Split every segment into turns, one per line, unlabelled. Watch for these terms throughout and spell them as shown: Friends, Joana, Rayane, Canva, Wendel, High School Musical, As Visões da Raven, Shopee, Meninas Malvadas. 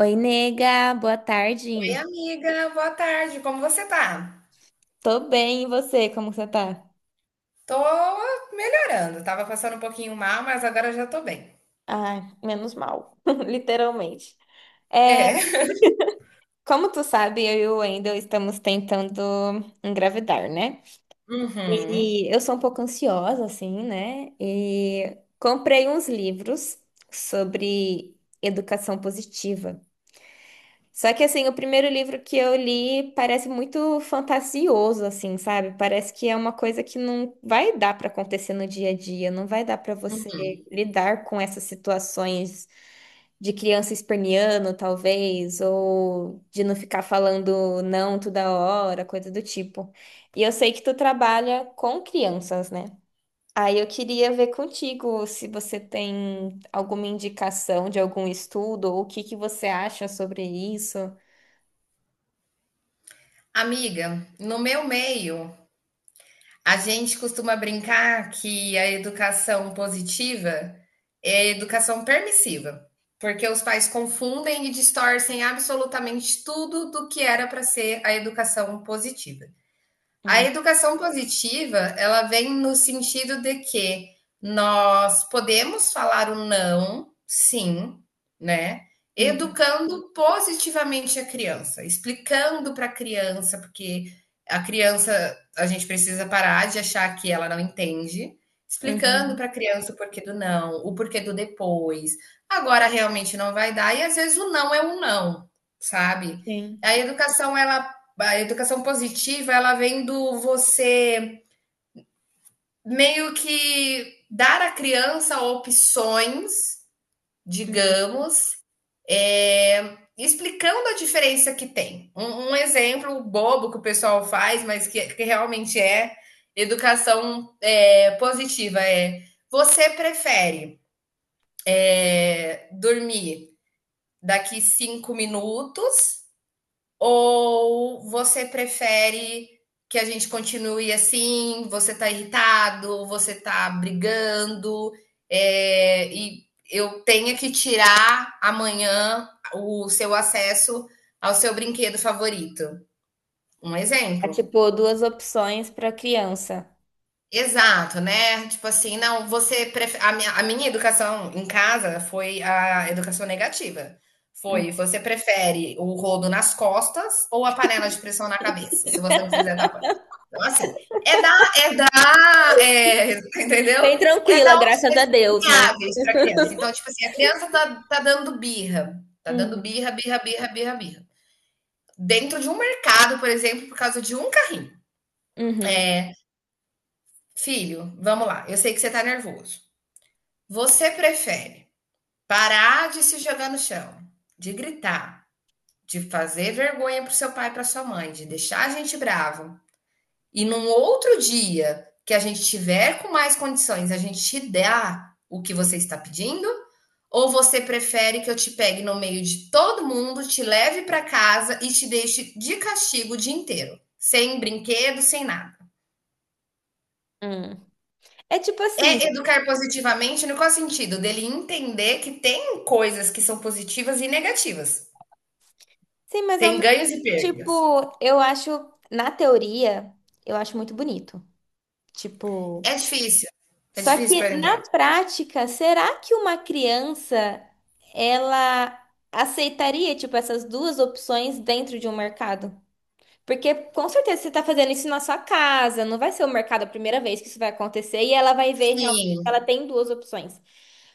Oi, nega, boa
Oi,
tarde.
amiga, boa tarde. Como você tá?
Tô bem, e você? Como você tá?
Tô melhorando. Tava passando um pouquinho mal, mas agora já tô bem.
Ai, menos mal, literalmente. É,
É.
como tu sabe, eu e o Wendel estamos tentando engravidar, né?
Uhum.
E eu sou um pouco ansiosa, assim, né? E comprei uns livros sobre educação positiva. Só que assim, o primeiro livro que eu li parece muito fantasioso, assim, sabe? Parece que é uma coisa que não vai dar para acontecer no dia a dia, não vai dar para você lidar com essas situações de criança esperneando, talvez, ou de não ficar falando não toda hora, coisa do tipo. E eu sei que tu trabalha com crianças, né? Aí eu queria ver contigo se você tem alguma indicação de algum estudo ou o que que você acha sobre isso.
Amiga, no meu meio, a gente costuma brincar que a educação positiva é a educação permissiva, porque os pais confundem e distorcem absolutamente tudo do que era para ser a educação positiva. A
Hum.
educação positiva, ela vem no sentido de que nós podemos falar o não, sim, né?
Uhum.
Educando positivamente a criança, explicando para a criança, porque a criança, a gente precisa parar de achar que ela não entende, explicando
Uhum.
para a criança o porquê do não, o porquê do depois. Agora realmente não vai dar e às vezes o não é um não, sabe?
Sim.
A educação ela a educação positiva, ela vem do você meio que dar à criança opções,
Uhum.
digamos, é, explicando a diferença que tem. Um exemplo bobo que o pessoal faz, mas que realmente é educação positiva. É você prefere dormir daqui 5 minutos. Ou você prefere que a gente continue assim? Você tá irritado, você tá brigando, é, e eu tenha que tirar amanhã o seu acesso ao seu brinquedo favorito. Um
É
exemplo.
tipo duas opções para criança.
Exato, né? Tipo assim, não, você prefere. A minha educação em casa foi a educação negativa.
Uhum.
Foi, você prefere o rodo nas costas ou a panela de pressão na cabeça, se você não fizer da coisa. Então, assim, é dar, é dar, é, entendeu?
Bem
É
tranquila,
dar
graças
opções
a Deus, né?
viáveis para a criança. Então, tipo assim, a criança tá dando birra, tá dando
Uhum.
birra, birra, birra, birra, birra. Dentro de um mercado, por exemplo, por causa de um carrinho.
Uhum.
É, filho, vamos lá, eu sei que você tá nervoso. Você prefere parar de se jogar no chão, de gritar, de fazer vergonha para seu pai e para sua mãe, de deixar a gente bravo, e num outro dia que a gente tiver com mais condições, a gente te dá o que você está pedindo? Ou você prefere que eu te pegue no meio de todo mundo, te leve para casa e te deixe de castigo o dia inteiro, sem brinquedo, sem nada?
Uhum. É tipo assim.
É educar positivamente no qual sentido? Dele entender que tem coisas que são positivas e negativas.
Sim, mas ao
Tem
mesmo,
ganhos e
tipo,
perdas.
eu acho, na teoria, eu acho muito bonito.
É
Tipo,
difícil. É
só
difícil
que
pôr em
na
prática.
prática, será que uma criança ela aceitaria, tipo, essas duas opções dentro de um mercado? Porque com certeza você está fazendo isso na sua casa, não vai ser o mercado a primeira vez que isso vai acontecer e ela vai ver realmente que
Sim,
ela tem duas opções.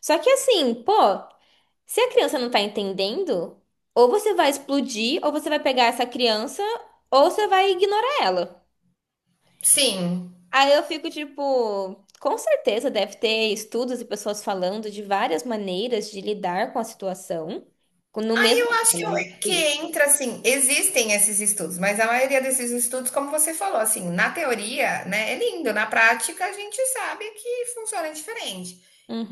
Só que assim, pô, se a criança não tá entendendo, ou você vai explodir, ou você vai pegar essa criança, ou você vai ignorar ela.
sim.
Aí eu fico tipo, com certeza deve ter estudos e pessoas falando de várias maneiras de lidar com a situação, no
Aí
mesmo
eu acho que,
tema, né?
eu-
Tipo
que
isso.
entra assim, existem esses estudos, mas a maioria desses estudos, como você falou, assim, na teoria, né, é lindo, na prática a gente sabe que funciona diferente.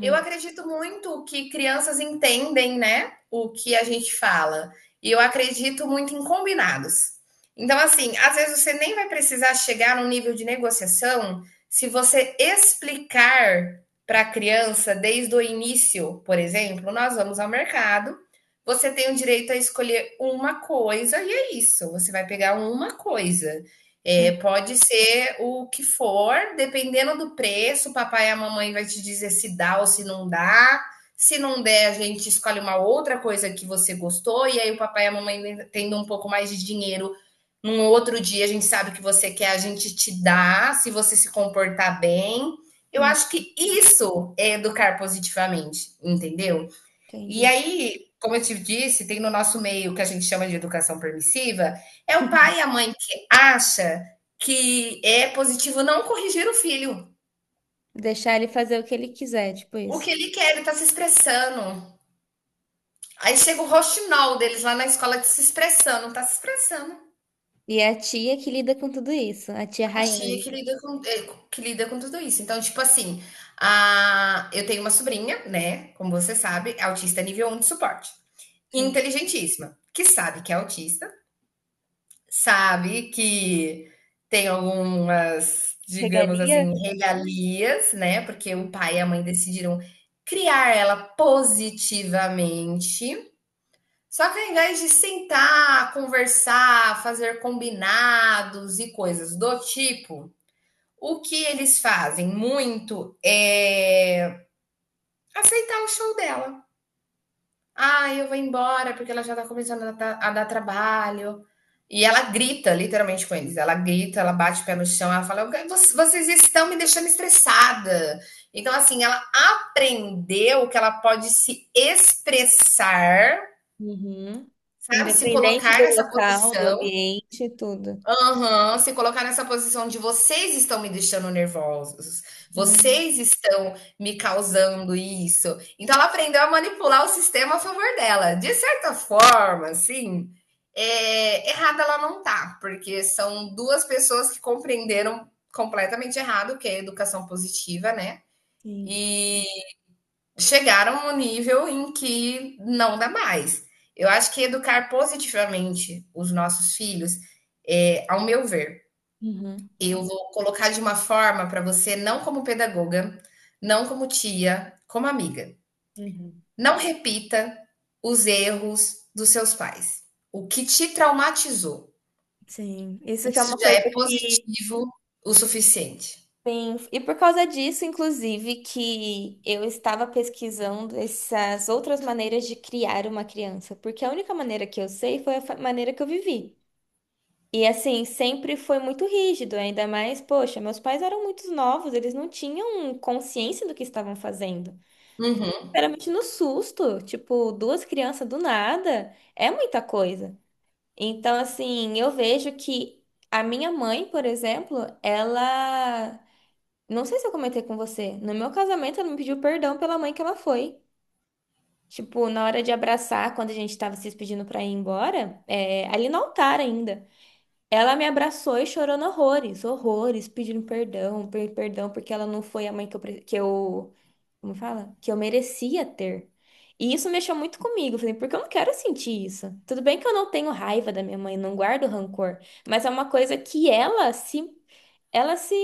Eu acredito muito que crianças entendem, né, o que a gente fala. E eu acredito muito em combinados. Então, assim, às vezes você nem vai precisar chegar num nível de negociação se você explicar para a criança desde o início, por exemplo, nós vamos ao mercado. Você tem o direito a escolher uma coisa e é isso. Você vai pegar uma coisa. É,
Hum,
pode ser o que for, dependendo do preço, o papai e a mamãe vai te dizer se dá ou se não dá. Se não der, a gente escolhe uma outra coisa que você gostou, e aí o papai e a mamãe tendo um pouco mais de dinheiro. Num outro dia a gente sabe o que você quer, a gente te dá, se você se comportar bem. Eu
hum,
acho que isso é educar positivamente, entendeu? E
entendi.
aí, como eu te disse, tem no nosso meio que a gente chama de educação permissiva, é o pai e a mãe que acha que é positivo não corrigir o filho.
Deixar ele fazer o que ele quiser, tipo
O que
isso.
ele quer, ele tá se expressando. Aí chega o roxinol deles lá na escola se expressando, tá se expressando.
E é a tia que lida com tudo isso, a tia
A tia
Rayane.
que lida com, que lida com tudo isso. Então, tipo assim, eu tenho uma sobrinha, né? Como você sabe, é autista nível um de suporte.
Sim.
Inteligentíssima, que sabe que é autista, sabe que tem algumas, digamos
Regalias.
assim, regalias, né, porque o pai e a mãe decidiram criar ela positivamente. Só que ao invés de sentar, conversar, fazer combinados e coisas do tipo, o que eles fazem muito é aceitar o show dela. Ah, eu vou embora porque ela já tá começando a dar trabalho. E ela grita, literalmente, com eles. Ela grita, ela bate o pé no chão, ela fala: "Vocês estão me deixando estressada. Então, assim, ela aprendeu que ela pode se expressar,
Uhum.
sabe? Se
Independente
colocar
do
nessa
local, do
posição.
ambiente, tudo.
Aham, se colocar nessa posição de vocês estão me deixando nervosos,
Hum.
vocês estão me causando isso. Então ela aprendeu a manipular o sistema a favor dela. De certa forma, assim, é, errada ela não tá, porque são duas pessoas que compreenderam completamente errado o que é educação positiva, né?
Sim.
E chegaram a um nível em que não dá mais. Eu acho que educar positivamente os nossos filhos, é, ao meu ver,
Uhum.
eu vou colocar de uma forma para você, não como pedagoga, não como tia, como amiga.
Uhum.
Não repita os erros dos seus pais. O que te traumatizou.
Sim. Isso que é
Isso
uma
já
coisa
é
que
positivo o suficiente.
tem. E por causa disso, inclusive, que eu estava pesquisando essas outras maneiras de criar uma criança. Porque a única maneira que eu sei foi a maneira que eu vivi. E assim, sempre foi muito rígido, ainda mais, poxa, meus pais eram muito novos, eles não tinham consciência do que estavam fazendo.
Uhum.
Geralmente no susto, tipo, duas crianças do nada, é muita coisa. Então, assim, eu vejo que a minha mãe, por exemplo, ela. Não sei se eu comentei com você, no meu casamento ela me pediu perdão pela mãe que ela foi. Tipo, na hora de abraçar, quando a gente tava se despedindo pra ir embora, é, ali no altar ainda. Ela me abraçou e chorando horrores, horrores, pedindo perdão, perdão, porque ela não foi a mãe que eu, como fala? Que eu merecia ter. E isso mexeu muito comigo, eu falei, porque eu não quero sentir isso. Tudo bem que eu não tenho raiva da minha mãe, não guardo rancor, mas é uma coisa que ela se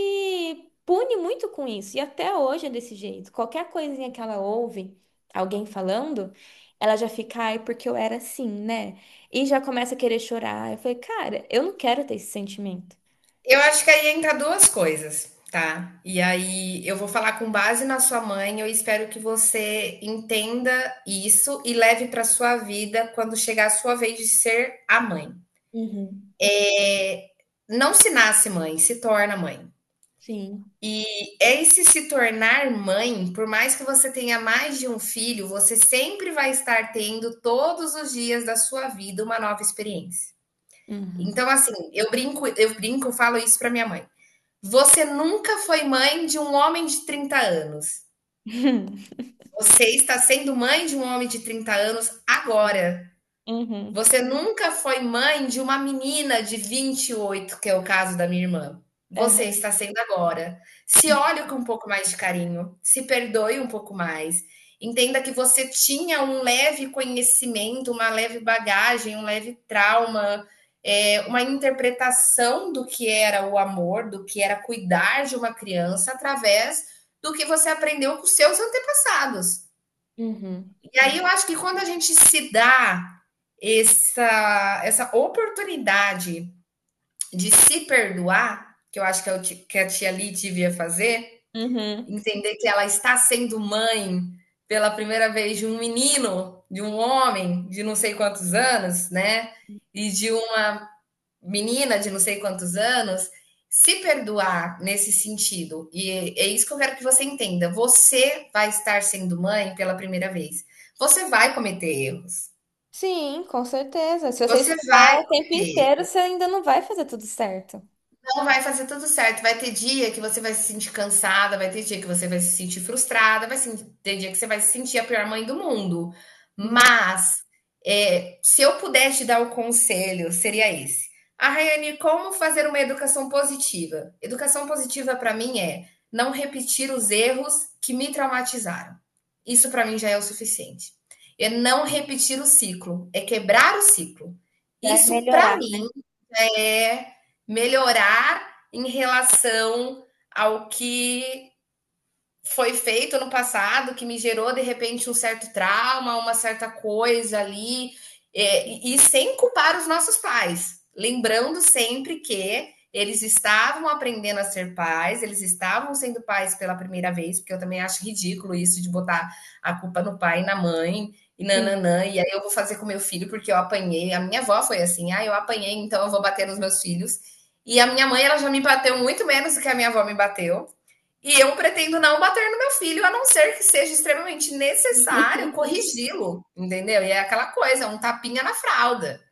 pune muito com isso, e até hoje é desse jeito. Qualquer coisinha que ela ouve alguém falando, ela já fica, ai, porque eu era assim, né? E já começa a querer chorar. Eu falei, cara, eu não quero ter esse sentimento.
Eu acho que aí entra duas coisas, tá? E aí eu vou falar com base na sua mãe. Eu espero que você entenda isso e leve para sua vida quando chegar a sua vez de ser a mãe.
Uhum.
É, não se nasce mãe, se torna mãe.
Sim.
E esse se tornar mãe, por mais que você tenha mais de um filho, você sempre vai estar tendo todos os dias da sua vida uma nova experiência.
Uhum.
Então, assim, eu brinco, eu brinco, eu falo isso para minha mãe. Você nunca foi mãe de um homem de 30 anos. Você está sendo mãe de um homem de 30 anos
Uhum.
agora.
Uhum.
Você nunca foi mãe de uma menina de 28, que é o caso da minha irmã. Você está sendo agora. Se olhe com um pouco mais de carinho, se perdoe um pouco mais. Entenda que você tinha um leve conhecimento, uma leve bagagem, um leve trauma, é, uma interpretação do que era o amor, do que era cuidar de uma criança através do que você aprendeu com seus antepassados.
Uhum.
E
Com.
aí eu acho que quando a gente se dá essa oportunidade de se perdoar, que eu acho que, eu, que a tia Li devia fazer,
Uhum.
entender que ela está sendo mãe pela primeira vez de um menino, de um homem de não sei quantos anos, né? E de uma menina de não sei quantos anos, se perdoar nesse sentido. E é isso que eu quero que você entenda. Você vai estar sendo mãe pela primeira vez. Você vai cometer erros.
Sim, com certeza. Se você
Você
estudar
vai
o tempo
cometer
inteiro, você ainda não vai fazer tudo certo.
Não vai fazer tudo certo. Vai ter dia que você vai se sentir cansada, vai ter dia que você vai se sentir frustrada, vai se- ter dia que você vai se sentir a pior mãe do mundo.
Hum.
Mas é, se eu pudesse te dar o conselho, seria esse. Ah, Rayane, como fazer uma educação positiva? Educação positiva para mim é não repetir os erros que me traumatizaram. Isso para mim já é o suficiente. É não repetir o ciclo, é quebrar o ciclo.
Vai
Isso para
melhorar.
mim é melhorar em relação ao que foi feito no passado que me gerou de repente um certo trauma, uma certa coisa ali, é, e sem culpar os nossos pais, lembrando sempre que eles estavam aprendendo a ser pais, eles estavam sendo pais pela primeira vez, porque eu também acho ridículo isso de botar a culpa no pai e na mãe, e
Sim.
nananã, e aí eu vou fazer com meu filho porque eu apanhei. A minha avó foi assim, ah, eu apanhei, então eu vou bater nos meus filhos. E a minha mãe, ela já me bateu muito menos do que a minha avó me bateu. E eu pretendo não bater no meu filho, a não ser que seja extremamente necessário corrigi-lo, entendeu? E é aquela coisa, um tapinha na fralda.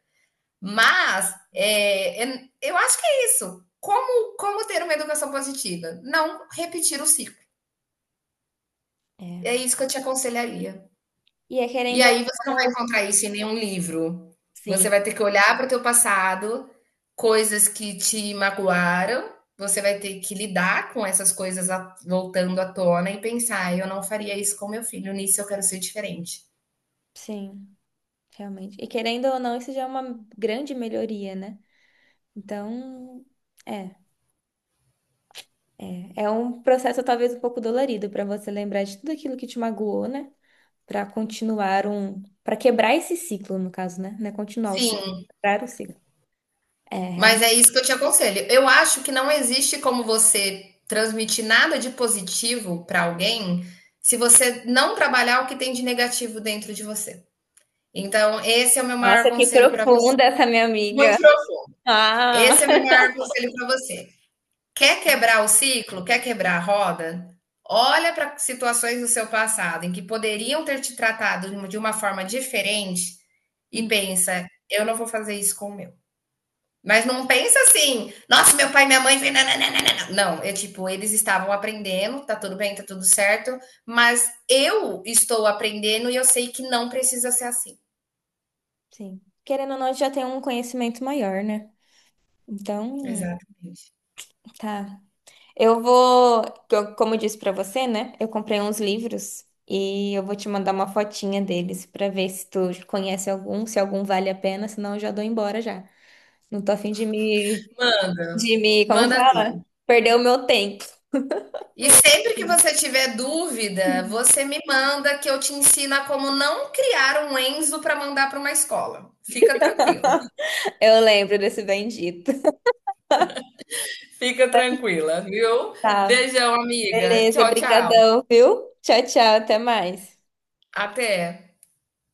Mas eu acho que é isso. Como, como ter uma educação positiva? Não repetir o ciclo. É
É.
isso que eu te aconselharia.
E é
E
querendo ou
aí você não vai
não,
encontrar isso em nenhum livro. Você
sim,
vai ter que olhar para o teu passado, coisas que te magoaram, você vai ter que lidar com essas coisas voltando à tona e pensar, eu não faria isso com meu filho, nisso eu quero ser diferente.
sim, realmente. E querendo ou não, isso já é uma grande melhoria, né? Então, é, é um processo talvez um pouco dolorido para você lembrar de tudo aquilo que te magoou, né? Para quebrar esse ciclo, no caso, né? Não é continuar o
Sim,
ciclo, é quebrar o ciclo. É,
mas
realmente.
é isso que eu te aconselho. Eu acho que não existe como você transmitir nada de positivo para alguém se você não trabalhar o que tem de negativo dentro de você. Então, esse é o meu maior
Nossa, que
conselho para você.
profunda essa minha amiga.
Muito profundo.
Ah.
Esse é o meu maior conselho para você. Quer quebrar o ciclo? Quer quebrar a roda? Olha para situações do seu passado em que poderiam ter te tratado de uma forma diferente e
Hum,
pensa: eu não vou fazer isso com o meu. Mas não pensa assim, nossa, meu pai e minha mãe. Não, não, não, não, é tipo, eles estavam aprendendo, tá tudo bem, tá tudo certo, mas eu estou aprendendo e eu sei que não precisa ser assim.
sim. Querendo ou não, a gente já tem um conhecimento maior, né? Então,
Exatamente.
tá. Eu vou, como eu disse pra você, né? Eu comprei uns livros e eu vou te mandar uma fotinha deles pra ver se tu conhece algum, se algum vale a pena, senão eu já dou embora já. Não tô a fim de me,
Manda,
de me, como
manda
fala?
assim.
Perder o meu tempo.
E sempre que você tiver dúvida, você me manda que eu te ensino a como não criar um Enzo para mandar para uma escola. Fica tranquila.
Eu lembro desse bendito.
Fica tranquila, viu?
Tá,
Beijão, amiga.
beleza,
Tchau, tchau.
brigadão, viu? Tchau, tchau, até mais.
Até.